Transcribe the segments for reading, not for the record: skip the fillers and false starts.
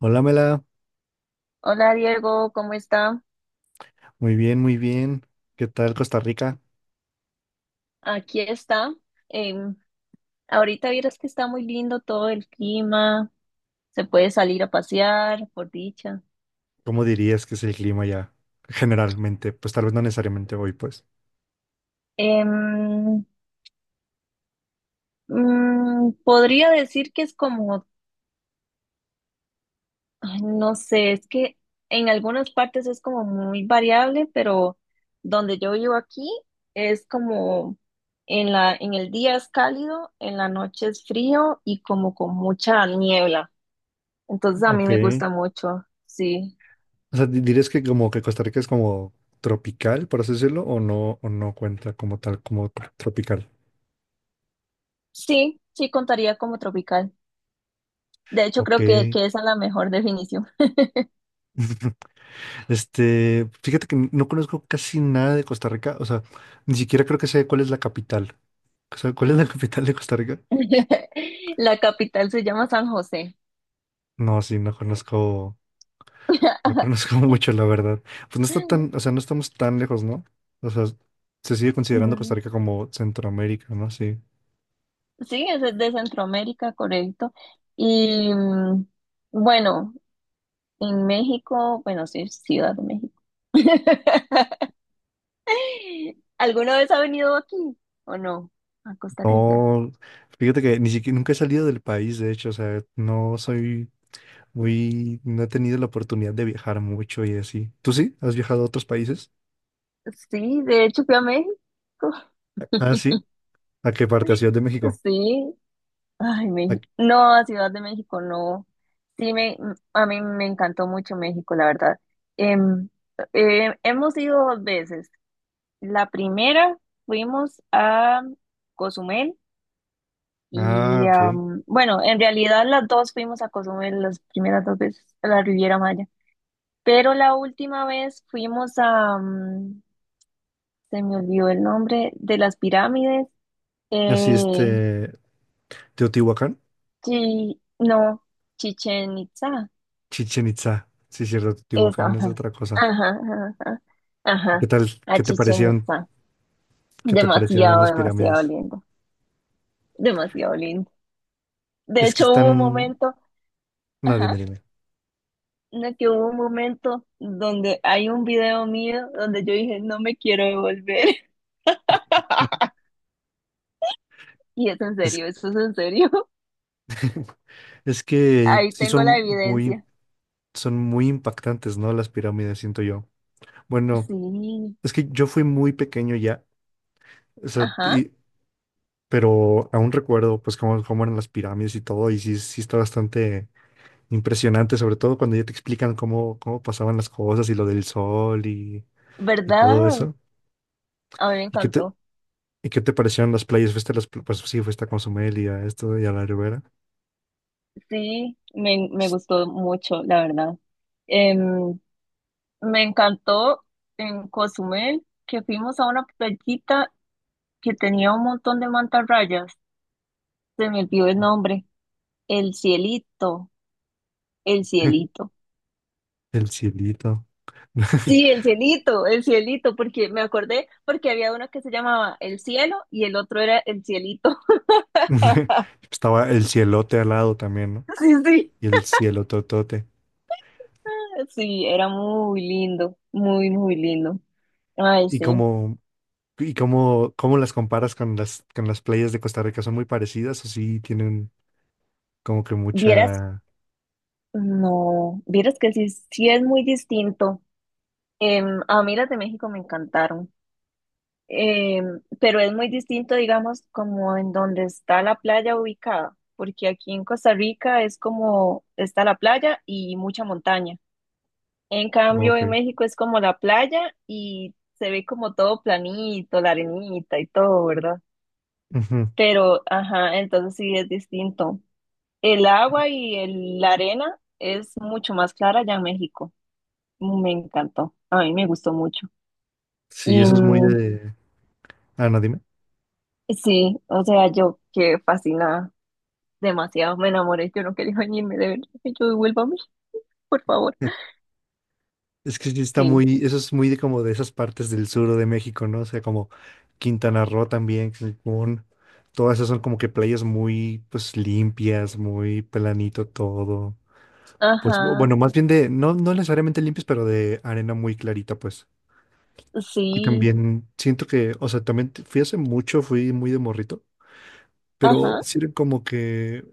Hola, Mela. Hola Diego, ¿cómo está? Muy bien, muy bien. ¿Qué tal Costa Rica? Aquí está. Em, Ahorita vieras que está muy lindo todo el clima, se puede salir a pasear, por dicha. ¿Cómo dirías que es el clima ya generalmente? Pues tal vez no necesariamente hoy, pues. Em, Podría decir que es como, ay, no sé, es que en algunas partes es como muy variable, pero donde yo vivo aquí es como en el día es cálido, en la noche es frío y como con mucha niebla. Entonces a mí Ok. me gusta mucho, sí. O sea, ¿dirías que como que Costa Rica es como tropical, por así decirlo, o no cuenta como tal, como tropical? Sí, sí contaría como tropical. De hecho, Ok. creo que esa es la mejor definición. Este, fíjate que no conozco casi nada de Costa Rica, o sea, ni siquiera creo que sé cuál es la capital. O sea, ¿cuál es la capital de Costa Rica? La capital se llama San José. No, sí, no conozco. No conozco mucho, la verdad. Pues no está tan, o sea, no estamos tan lejos, ¿no? O sea, se sigue considerando Costa Mm, Rica como Centroamérica, ¿no? Sí. sí, es de Centroamérica, correcto. Y bueno, en México, bueno, sí, Ciudad de México. ¿Alguna vez ha venido aquí o no? A Costa Rica. No, fíjate que ni siquiera nunca he salido del país, de hecho, o sea, no soy muy, no he tenido la oportunidad de viajar mucho y así. ¿Tú sí? ¿Has viajado a otros países? Sí, de hecho fui a México. Ah, sí. ¿A qué parte? ¿A Ciudad de México? Sí, ay, ¿A- México. No, a Ciudad de México no. Sí, a mí me encantó mucho México, la verdad. Em, Hemos ido 2 veces. La primera fuimos a Cozumel Ah, y, ok. Bueno, en realidad las dos fuimos a Cozumel las primeras 2 veces, a la Riviera Maya. Pero la última vez fuimos a, se me olvidó el nombre, de las pirámides. Así Eh, este, Teotihuacán, no, Chichen Itza. Chichen Itza. Sí, cierto, Eso, Teotihuacán es ajá. otra cosa. Ajá, ajá, ajá. ¿Qué Ajá. tal? A ¿Qué te Chichén parecieron? Itzá. ¿Qué te parecieron Demasiado, las demasiado pirámides? lindo. Demasiado lindo. De Es que hecho, hubo un están. momento, No, ajá, dime, dime. no, que hubo un momento donde hay un video mío donde yo dije, no me quiero devolver. Y es en Es, serio, eso es en serio. es que Ahí sí tengo la evidencia. son muy impactantes, ¿no? Las pirámides, siento yo. Bueno, Sí, es que yo fui muy pequeño ya, o sea, ajá, pero aún recuerdo, pues, cómo, cómo eran las pirámides y todo, y sí, sí está bastante impresionante, sobre todo cuando ya te explican cómo, cómo pasaban las cosas y lo del sol y todo ¿verdad? eso. A mí me ¿Y qué te, encantó. y qué te parecieron las playas? ¿Fuiste a las, pues sí, fuiste a Cozumel y a esto y a la Ribera? Sí, me gustó mucho, la verdad. Em, Me encantó en Cozumel que fuimos a una playita que tenía un montón de mantarrayas. Se me olvidó el Estuvo nombre. El cielito, el cielito. El cielito. Sí, el cielito, porque me acordé porque había uno que se llamaba El cielo y el otro era El cielito. Estaba el cielote al lado también, ¿no? Sí, sí. Y el cielo totote. Sí, era muy lindo, muy, muy lindo. Ay, ¿Y sí. cómo, y cómo, cómo las comparas con las playas de Costa Rica? ¿Son muy parecidas o sí tienen como que Vieras, mucha... no, vieras que sí, sí es muy distinto. A mí las de México me encantaron. Eh, pero es muy distinto, digamos, como en donde está la playa ubicada, porque aquí en Costa Rica es como está la playa y mucha montaña. En cambio, Ok. en México es como la playa y se ve como todo planito, la arenita y todo, ¿verdad? Ujú. Pero, ajá, entonces sí es distinto. El agua y la arena es mucho más clara allá en México. Me encantó, a mí me gustó mucho. Sí, Y eso es muy de... Ah, no, dime. sí, o sea, yo quedé fascinada. Demasiado me enamoré, yo no quería venirme de verdad. Y yo, devuélvame, por favor. Es que sí está Sí, muy... Eso es muy de como de esas partes del sur de México, ¿no? O sea, como Quintana Roo también, Cancún. Todas esas son como que playas muy, pues, limpias, muy planito todo. Pues ajá, bueno, más bien de, no, no necesariamente limpias, pero de arena muy clarita, pues. Y sí, también siento que, o sea, también fui hace mucho, fui muy de morrito, pero ajá. sí era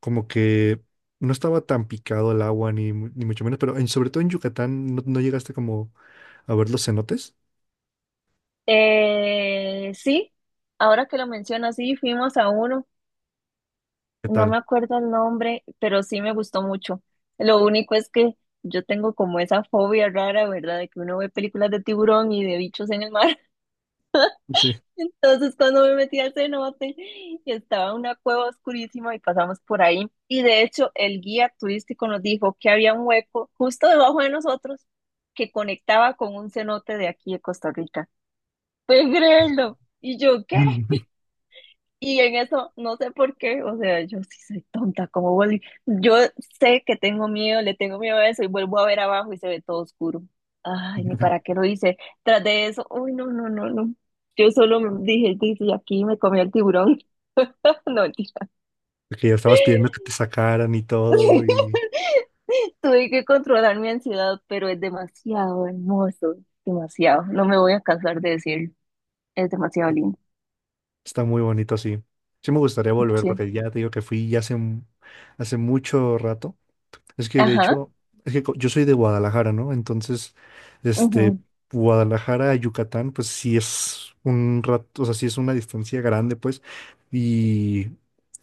como que no estaba tan picado el agua, ni, ni mucho menos, pero en, sobre todo en Yucatán, ¿no, no llegaste como a ver los cenotes? Sí, ahora que lo mencionas, sí, fuimos a uno, ¿Qué no me tal? acuerdo el nombre, pero sí me gustó mucho. Lo único es que yo tengo como esa fobia rara, ¿verdad? De que uno ve películas de tiburón y de bichos en el mar. Sí. Entonces, cuando me metí al cenote, estaba una cueva oscurísima y pasamos por ahí. Y de hecho, el guía turístico nos dijo que había un hueco justo debajo de nosotros que conectaba con un cenote de aquí de Costa Rica. ¿Puedes creerlo? Y yo, ¿qué? Y en eso, no sé por qué, o sea, yo sí soy tonta, como vuelvo. Yo sé que tengo miedo, le tengo miedo a eso y vuelvo a ver abajo y se ve todo oscuro. Ay, ni para qué lo hice. Tras de eso, uy, no, no, no, no. Yo solo me dije, dice, y aquí me comí el tiburón. No, mentira. Que ya estabas pidiendo que te sacaran y todo, Tuve que controlar mi ansiedad, pero es demasiado hermoso, demasiado. No me voy a cansar de decirlo. Es demasiado y lindo. está muy bonito así. Sí me gustaría volver, Sí. porque ya te digo que fui ya hace, hace mucho rato. Es que de Ajá. hecho, es que yo soy de Guadalajara, ¿no? Entonces, este, Ujú. Guadalajara a Yucatán, pues sí es un rato, o sea, sí es una distancia grande, pues. Y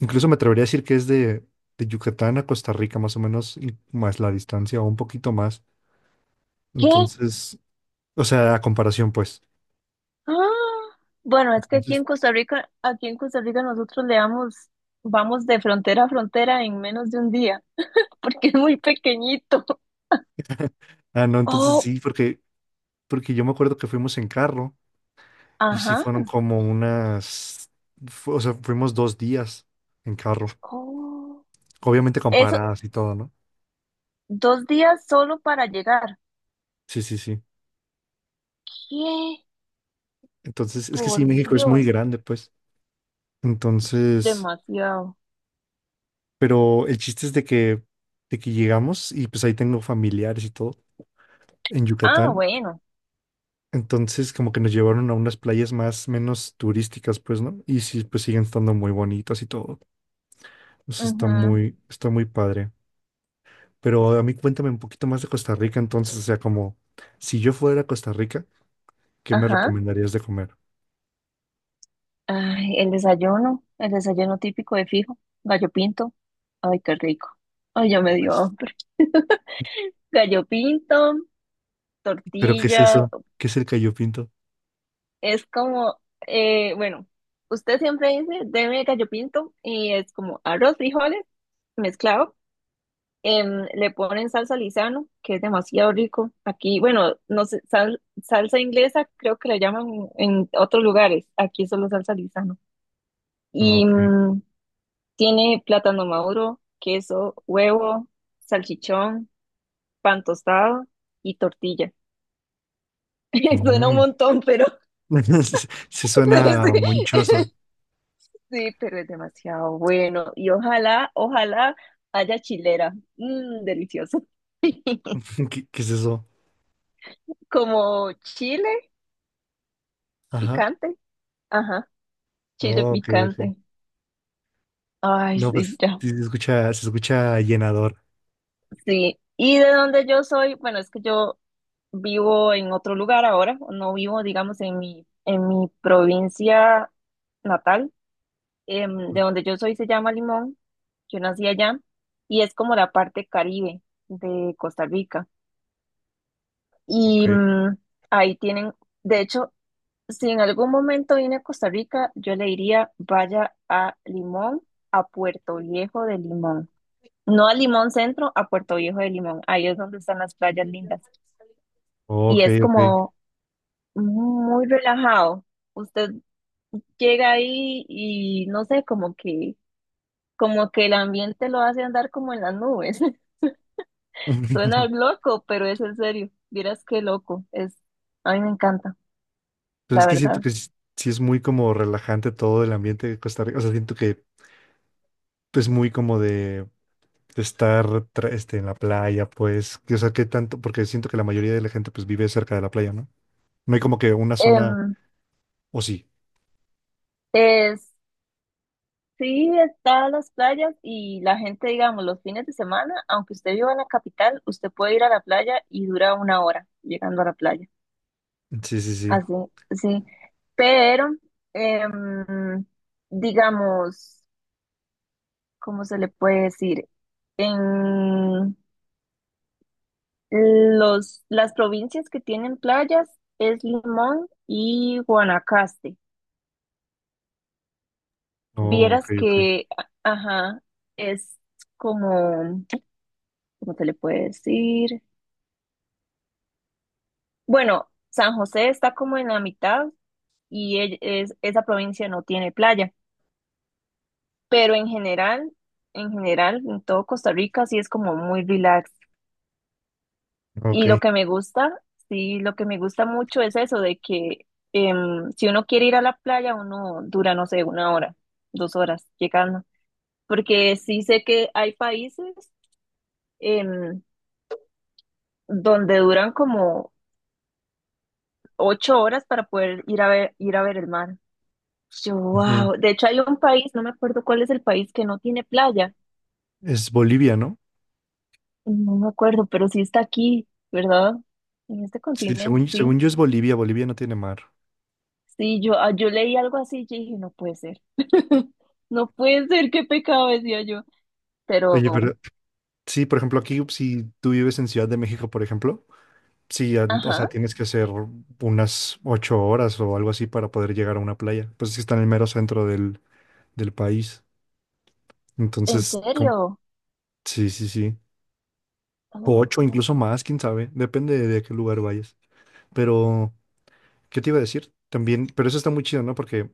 incluso me atrevería a decir que es de Yucatán a Costa Rica, más o menos, y más la distancia, o un poquito más. ¿Qué? Entonces, o sea, a comparación, pues. Ah, bueno, es que aquí Entonces, en Costa Rica, aquí en Costa Rica nosotros le damos, vamos de frontera a frontera en menos de un día, porque es muy pequeñito. ah, no, entonces Oh, sí, porque, porque yo me acuerdo que fuimos en carro y sí fueron ajá. como unas, o sea, fuimos 2 días en carro. Oh, Obviamente eso, comparadas y todo, ¿no? 2 días solo para llegar. Sí, sí, sí. ¿Qué? Entonces, es que sí, Por México es muy Dios, grande, pues. Entonces, demasiado. pero el chiste es de que llegamos y pues ahí tengo familiares y todo en Ah, Yucatán. bueno. Entonces, como que nos llevaron a unas playas más, menos turísticas, pues, ¿no? Y sí, pues siguen estando muy bonitas y todo. Pues Ujú, está muy padre. Pero a mí cuéntame un poquito más de Costa Rica, entonces, o sea, como si yo fuera a Costa Rica, ¿qué me ajá. recomendarías de comer? Ay, el desayuno típico de fijo, gallo pinto. Ay, qué rico. Ay, ya me dio Pues, hambre. Gallo pinto, ¿pero qué es tortilla. eso? ¿Qué es el gallo pinto? Es como, bueno, usted siempre dice, deme gallo pinto, y es como arroz, frijoles, mezclado. Le ponen salsa Lizano, que es demasiado rico. Aquí, bueno, no sé, salsa inglesa creo que la llaman en otros lugares. Aquí solo salsa Lizano. Y Ok. Tiene plátano maduro, queso, huevo, salchichón, pan tostado y tortilla. Suena un Mm. montón, pero Se suena sí, monchoso. sí, pero es demasiado bueno. Y ojalá, ojalá haya chilera. Mm, delicioso. ¿Qué, qué es eso? Como chile Ajá. picante. Ajá, chile Ok, ok. picante. Ay, No, sí, pues ya. sí se escucha llenador. Sí. Y de donde yo soy, bueno, es que yo vivo en otro lugar ahora. No vivo, digamos, en mi provincia natal. De donde yo soy se llama Limón. Yo nací allá. Y es como la parte Caribe de Costa Rica. Ok, Y ahí tienen, de hecho, si en algún momento viene a Costa Rica, yo le diría vaya a Limón, a Puerto Viejo de Limón. No a Limón Centro, a Puerto Viejo de Limón. Ahí es donde están las playas lindas. ok, Y es ok. como muy relajado. Usted llega ahí y no sé, como que el ambiente lo hace andar como en las nubes. Suena loco, pero es en serio. Vieras qué loco es. A mí me encanta, Pero la es que siento verdad. que sí es muy como relajante todo el ambiente de Costa Rica. O sea, siento que es muy como de estar este, en la playa, pues. Que, O sea, que tanto, porque siento que la mayoría de la gente pues vive cerca de la playa, ¿no? No hay como que una zona, Em, o sí. Es, sí, están las playas y la gente, digamos, los fines de semana, aunque usted viva en la capital, usted puede ir a la playa y dura 1 hora llegando a la playa. Sí, sí, sí. Así, sí. Pero, em, digamos, ¿cómo se le puede decir? En las provincias que tienen playas es Limón y Guanacaste. Oh, ok, Vieras ok. que, ajá, es como... ¿Cómo se le puede decir? Bueno, San José está como en la mitad y esa provincia no tiene playa, pero en general, en general, en todo Costa Rica sí es como muy relax. Ok. Y lo que me gusta, sí, lo que me gusta mucho es eso de que si uno quiere ir a la playa, uno dura, no sé, 1 hora, 2 horas llegando, porque sí sé que hay países em, donde duran como 8 horas para poder ir a ver el mar. Yo, Ujú. wow. De hecho, hay un país, no me acuerdo cuál es el país que no tiene playa. Es Bolivia, ¿no? No me acuerdo, pero sí está aquí, ¿verdad? En este Sí, continente, según, sí. según yo es Bolivia, Bolivia no tiene mar. Sí, yo, ah, yo leí algo así y dije, no puede ser. No puede ser, qué pecado, decía yo. Pero, Oye, pero sí, por ejemplo, aquí si tú vives en Ciudad de México, por ejemplo, sí, an- o ajá, sea, tienes que hacer unas 8 horas o algo así para poder llegar a una playa. Pues es que está en el mero centro del, del país. ¿en Entonces, com- serio? sí, sí, sí. O 8, Oh. incluso más, quién sabe. Depende de, a qué lugar vayas. Pero, ¿qué te iba a decir? También, pero eso está muy chido, ¿no? Porque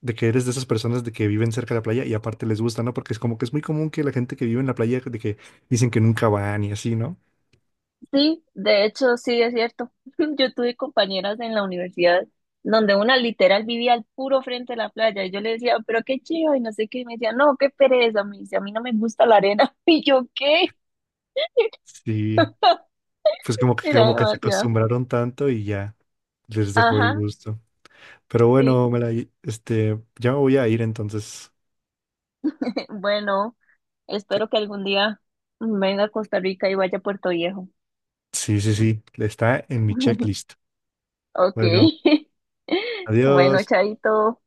de que eres de esas personas de que viven cerca de la playa y aparte les gusta, ¿no? Porque es como que es muy común que la gente que vive en la playa de que dicen que nunca van y así, ¿no? Sí, de hecho, sí es cierto. Yo tuve compañeras en la universidad donde una literal vivía al puro frente de la playa y yo le decía, pero qué chido y no sé qué, y me decía, no, qué pereza, me dice, a mí no me gusta la arena. Y yo, ¿qué? Sí, pues Era como que se demasiado. acostumbraron tanto y ya les dejó el Ajá, gusto. Pero sí. bueno, Melay, este, ya me voy a ir entonces. Bueno, espero que algún día venga a Costa Rica y vaya a Puerto Viejo. Sí, sí, sí, está en mi checklist. Ok. Bueno, Bueno, adiós. chaito.